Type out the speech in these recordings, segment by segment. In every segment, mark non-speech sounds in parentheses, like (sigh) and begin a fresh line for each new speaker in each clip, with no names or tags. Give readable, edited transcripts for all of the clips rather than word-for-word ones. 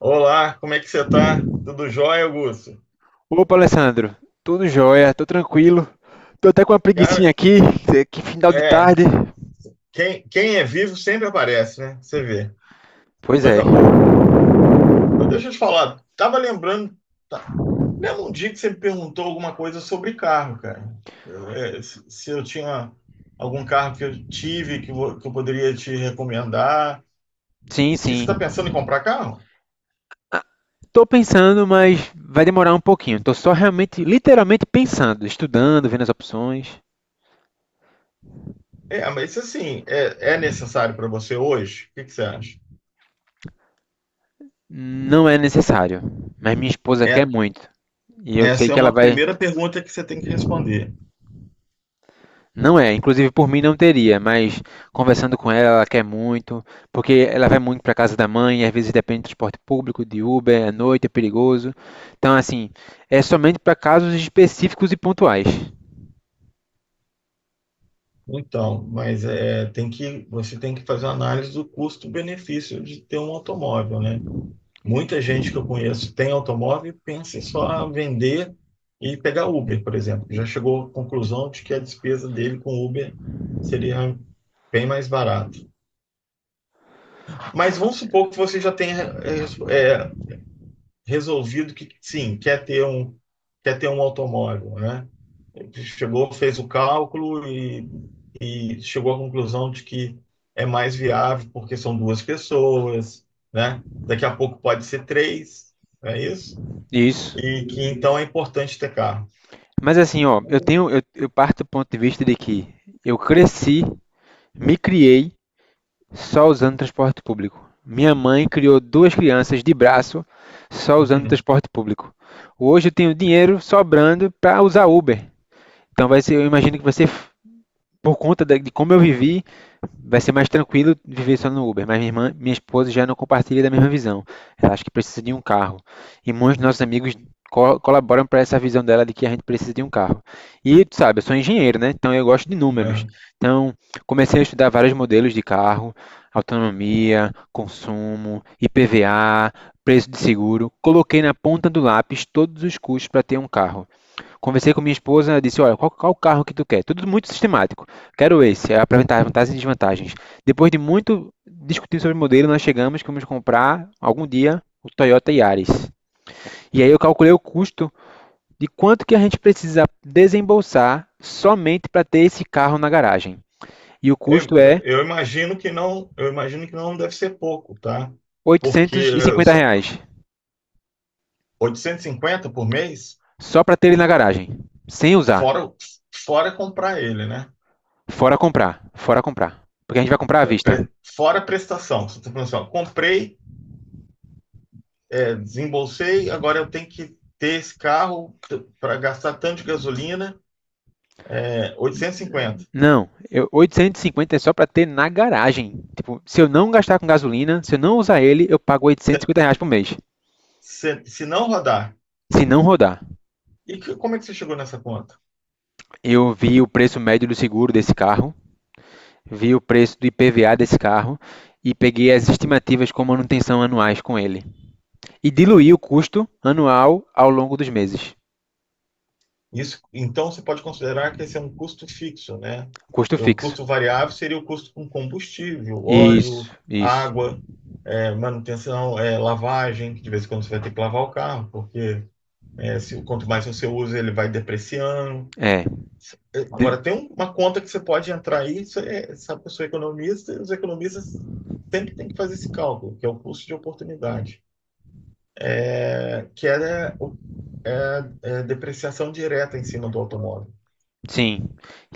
Olá, como é que você tá? Tudo jóia, Augusto?
Opa, Alessandro. Tudo jóia, tô tranquilo. Tô até com uma preguicinha
Cara,
aqui, é que final de
é,
tarde.
quem é vivo sempre aparece, né? Você vê,
Pois é.
coisa boa. Mas deixa eu te falar, tava lembrando, tá, lembra um dia que você me perguntou alguma coisa sobre carro, cara? É, se eu tinha algum carro que eu tive que, que eu poderia te recomendar.
Sim,
Que você
sim.
está pensando em comprar carro?
Tô pensando, mas vai demorar um pouquinho. Tô só realmente, literalmente pensando, estudando, vendo as opções.
É, mas isso assim, é necessário para você hoje? O que que você acha?
Não é necessário, mas minha esposa quer
É,
muito. E eu sei
essa é
que ela
uma
vai.
primeira pergunta que você tem que responder.
Não é, inclusive por mim não teria, mas conversando com ela, ela quer muito, porque ela vai muito para casa da mãe, às vezes depende de transporte público, de Uber, à noite é perigoso. Então, assim, é somente para casos específicos e pontuais.
Então, mas é, tem que, você tem que fazer uma análise do custo-benefício de ter um automóvel, né? Muita gente que eu conheço tem automóvel e pensa em só vender e pegar Uber, por exemplo. Já chegou à conclusão de que a despesa dele com Uber seria bem mais barata. Mas vamos supor que você já tenha é, é, resolvido que sim, quer ter um automóvel, né? Chegou, fez o cálculo e chegou à conclusão de que é mais viável porque são duas pessoas, né? Daqui a pouco pode ser três, não é isso?
Isso.
E que então é importante ter carro.
Mas assim, ó, eu parto do ponto de vista de que eu cresci, me criei só usando transporte público. Minha mãe criou duas crianças de braço só usando
(laughs)
transporte público. Hoje eu tenho dinheiro sobrando para usar Uber. Então vai ser, eu imagino que vai ser por conta de como eu vivi, vai ser mais tranquilo viver só no Uber. Mas minha irmã, minha esposa já não compartilha da mesma visão. Ela acha que precisa de um carro. E muitos dos nossos amigos colaboram para essa visão dela de que a gente precisa de um carro. E tu sabe, eu sou engenheiro, né? Então eu gosto de números.
É.
Então comecei a estudar vários modelos de carro, autonomia, consumo, IPVA, preço de seguro. Coloquei na ponta do lápis todos os custos para ter um carro. Conversei com minha esposa, disse, olha, qual o carro que tu quer? Tudo muito sistemático. Quero esse, aí apresentar as vantagens e desvantagens. Depois de muito discutir sobre o modelo, nós chegamos que vamos comprar algum dia o Toyota Yaris. E aí eu calculei o custo de quanto que a gente precisa desembolsar somente para ter esse carro na garagem. E o
Eu,
custo é R$
eu imagino que não, eu imagino que não deve ser pouco, tá? Porque
850
só
reais,
850 por mês,
só para ter ele na garagem, sem usar,
fora, fora comprar ele, né?
fora comprar, fora comprar. Porque a gente vai comprar à vista.
Fora prestação. Você está falando assim, ó, comprei desembolsei, agora eu tenho que ter esse carro para gastar tanto de gasolina, é, 850.
Não, 850 é só para ter na garagem. Tipo, se eu não gastar com gasolina, se eu não usar ele, eu pago 850
Se,
reais por mês.
se não rodar,
Se não rodar.
e que, como é que você chegou nessa conta?
Eu vi o preço médio do seguro desse carro, vi o preço do IPVA desse carro e peguei as estimativas com manutenção anuais com ele. E diluí o custo anual ao longo dos meses.
Isso, então você pode considerar que esse é um custo fixo, né?
Custo
E o
fixo.
custo variável seria o custo com combustível,
Isso,
óleo,
isso.
água, é, manutenção, é, lavagem, que de vez em quando você vai ter que lavar o carro, porque é, se, quanto mais você usa, ele vai depreciando.
É.
Agora, tem uma conta que você pode entrar aí, isso é, sabe que eu sou economista, e os economistas sempre têm que fazer esse cálculo, que é o custo de oportunidade, é, que é, é- é depreciação direta em cima do automóvel.
Sim.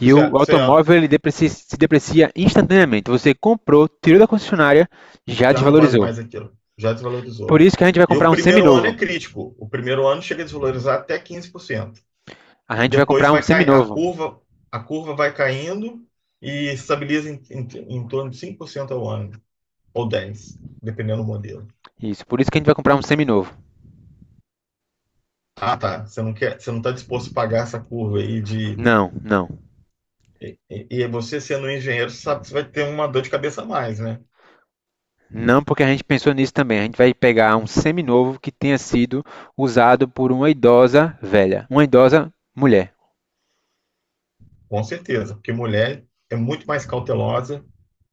E
Você,
o
você
automóvel ele se deprecia instantaneamente. Você comprou, tirou da concessionária, já
já não vale
desvalorizou.
mais aquilo, já desvalorizou.
Por isso que a gente vai
E o
comprar um
primeiro ano
seminovo.
é crítico. O primeiro ano chega a desvalorizar até 15%.
A gente vai
Depois
comprar um
vai cair,
seminovo.
a curva vai caindo e estabiliza em, em torno de 5% ao ano, ou 10%, dependendo do modelo.
Isso, por isso que a gente vai comprar um seminovo.
Ah, tá. Você não quer, você não está disposto a pagar essa curva aí de.
Não, não.
E você sendo um engenheiro, você sabe que você vai ter uma dor de cabeça a mais, né?
Não porque a gente pensou nisso também. A gente vai pegar um seminovo que tenha sido usado por uma idosa velha, uma idosa mulher.
Com certeza, porque mulher é muito mais cautelosa,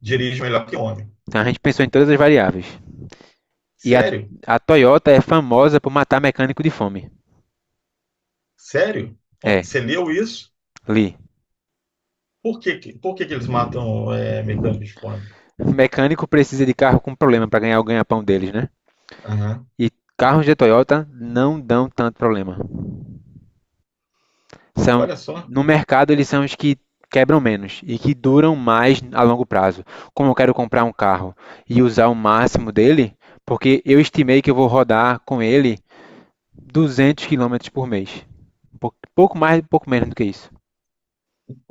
dirige melhor que homem.
Então a gente pensou em todas as variáveis. E a,
Sério?
a Toyota é famosa por matar mecânico de fome.
Sério? Ó,
É,
você leu isso?
li.
Por que, por que que eles matam é, mecânico de fome?
Mecânico precisa de carro com problema para ganhar o ganha-pão deles, né?
Aham.
E carros de Toyota não dão tanto problema. São
Olha só.
No mercado eles são os que quebram menos e que duram mais a longo prazo. Como eu quero comprar um carro e usar o máximo dele, porque eu estimei que eu vou rodar com ele 200 quilômetros por mês. Pouco mais, pouco menos do que isso.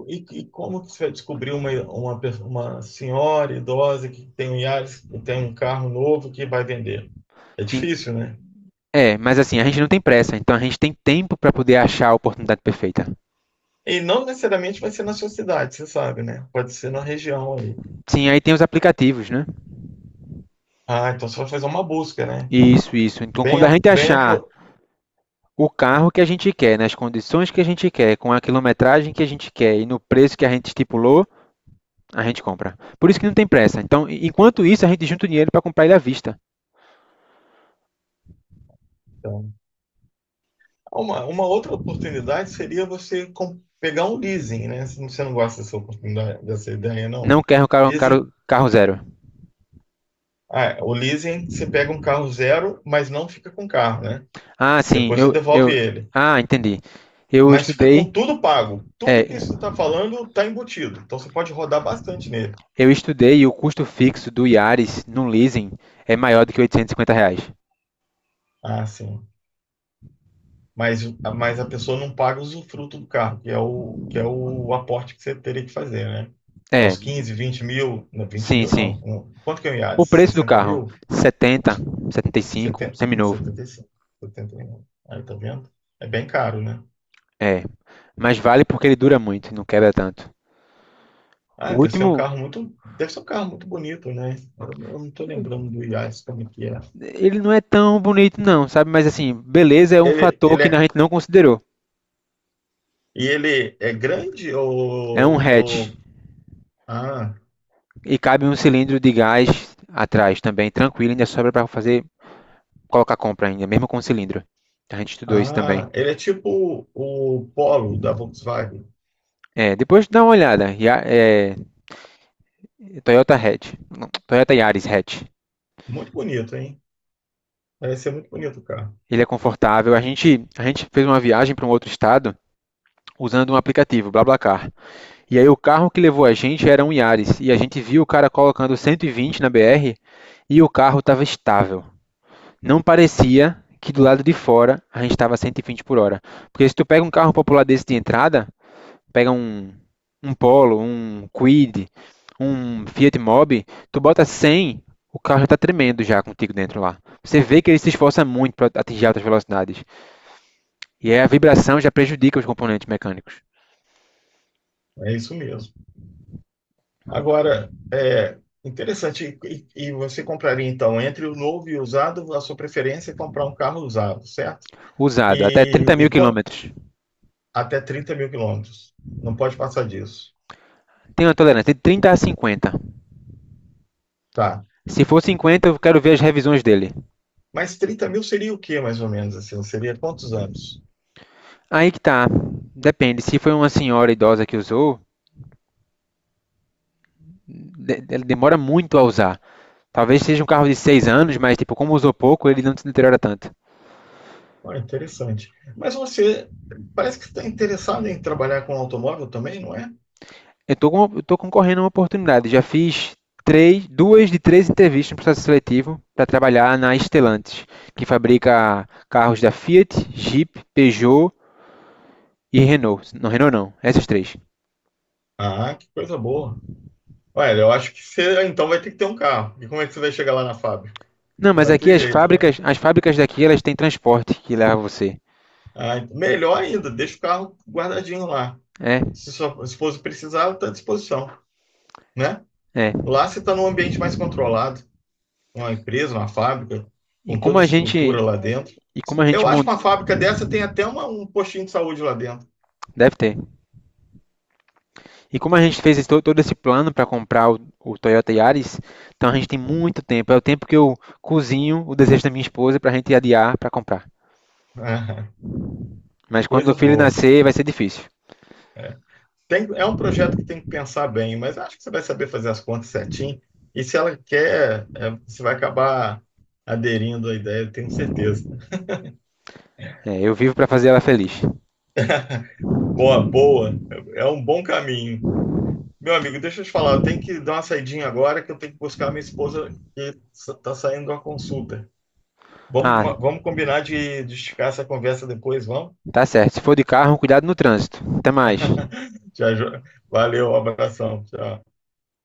E como que você vai descobrir uma, uma senhora idosa que tem um Yaris, que tem um carro novo que vai vender? É difícil, né?
É, mas assim, a gente não tem pressa, então a gente tem tempo para poder achar a oportunidade perfeita.
E não necessariamente vai ser na sua cidade, você sabe, né? Pode ser na região aí.
Sim, aí tem os aplicativos, né?
Ah, então você vai fazer uma busca, né?
Isso, isso. Então,
Bem,
quando a
a,
gente
bem a,
achar
por-
o carro que a gente quer, nas condições que a gente quer, com a quilometragem que a gente quer e no preço que a gente estipulou, a gente compra. Por isso que não tem pressa. Então, enquanto isso, a gente junta o dinheiro para comprar ele à vista.
então, uma outra oportunidade seria você pegar um leasing, né? Se você não gosta dessa oportunidade, dessa ideia, não?
Não quero
Leasing.
carro zero.
Ah, o leasing, você pega um carro zero, mas não fica com o carro, né?
Ah, sim,
Depois você
eu,
devolve
eu.
ele.
Ah, entendi. Eu
Mas fica com
estudei.
tudo pago.
É,
Tudo que você está falando está embutido. Então você pode rodar bastante nele.
eu estudei e o custo fixo do Yaris no leasing é maior do que R$ 850.
Ah, sim. mas, mas a pessoa não paga o usufruto do carro, que é o aporte que você teria que fazer, né? É
É,
os 15, 20 mil, não, 20
sim,
mil
sim.
não. Quanto que é o IAD?
O preço do
sessenta
carro,
mil? Uns
70, 75,
70,
seminovo.
75, 71. Aí tá vendo? É bem caro, né?
É, mas vale porque ele dura muito e não quebra tanto.
Ah,
O
deve ser um
último,
carro muito, deve ser um carro muito bonito, né? Eu não tô lembrando do IAS como é que é.
ele não é tão bonito não, sabe? Mas assim, beleza é um
Ele,
fator
ele
que a
é,
gente não considerou.
e ele é grande
É um
ou,
hatch
ah,
e cabe um cilindro de gás atrás também, tranquilo, ainda sobra para fazer colocar compra ainda, mesmo com cilindro. A gente estudou isso também.
ah, ele é tipo o Polo da Volkswagen.
É, depois dá uma olhada. Toyota Hatch, não, Toyota Yaris Hatch.
Muito bonito, hein? Parece ser muito bonito o carro.
Ele é confortável. A gente fez uma viagem para um outro estado usando um aplicativo, BlaBlaCar. E aí o carro que levou a gente era um Yaris, e a gente viu o cara colocando 120 na BR e o carro estava estável. Não parecia que do lado de fora a gente estava 120 por hora. Porque se tu pega um carro popular desse de entrada, pega um Polo, um Quid, um Fiat Mobi, tu bota 100, o carro já está tremendo já contigo dentro lá. Você vê que ele se esforça muito para atingir altas velocidades. E aí a vibração já prejudica os componentes mecânicos.
É isso mesmo. Agora, é interessante. E você compraria, então, entre o novo e o usado, a sua preferência é comprar um carro usado, certo?
Usado, até
E,
30 mil quilômetros.
até 30 mil quilômetros. Não pode passar disso.
Tem uma tolerância de 30 a 50.
Tá.
Se for 50, eu quero ver as revisões dele.
Mas 30 mil seria o quê, mais ou menos? Assim? Seria quantos anos?
Aí que tá. Depende. Se foi uma senhora idosa que usou, ele demora muito a usar. Talvez seja um carro de 6 anos, mas tipo, como usou pouco, ele não se deteriora tanto.
Olha, interessante. Mas você parece que está interessado em trabalhar com automóvel também, não é?
Eu tô concorrendo a uma oportunidade. Já fiz três, duas de três entrevistas no processo seletivo para trabalhar na Stellantis, que fabrica carros da Fiat, Jeep, Peugeot e Renault. Não, Renault não, essas três.
Ah, que coisa boa. Olha, eu acho que então vai ter que ter um carro. E como é que você vai chegar lá na fábrica?
Não,
Não
mas
vai
aqui
ter jeito, né?
as fábricas daqui, elas têm transporte que leva você.
Ah, melhor ainda, deixa o carro guardadinho lá.
É,
Se sua esposa precisar, está à disposição, né?
é.
Lá você está num ambiente mais controlado, uma empresa, uma fábrica,
E
com
como
toda a
a gente,
estrutura lá dentro.
e como a gente
Eu
mon-
acho que uma fábrica dessa tem até um postinho de saúde lá dentro.
Deve ter. E como a gente fez todo esse plano para comprar o Toyota Yaris, então a gente tem muito tempo. É o tempo que eu cozinho o desejo da minha esposa para a gente adiar para comprar.
(laughs)
Mas quando o
Coisa
filho
boa.
nascer, vai ser difícil.
Tem, é um projeto que tem que pensar bem, mas acho que você vai saber fazer as contas certinho. E se ela quer, é, você vai acabar aderindo à ideia, eu tenho certeza.
É, eu vivo para fazer ela feliz.
Boa, boa. É um bom caminho. Meu amigo, deixa eu te falar, eu tenho que dar uma saidinha agora, que eu tenho que buscar minha esposa, tá saindo de uma consulta. Vamos,
Ah,
vamos combinar de esticar essa conversa depois, vamos?
tá certo. Se for de carro, cuidado no trânsito. Até mais.
Te aju- Valeu, um abração. Tchau.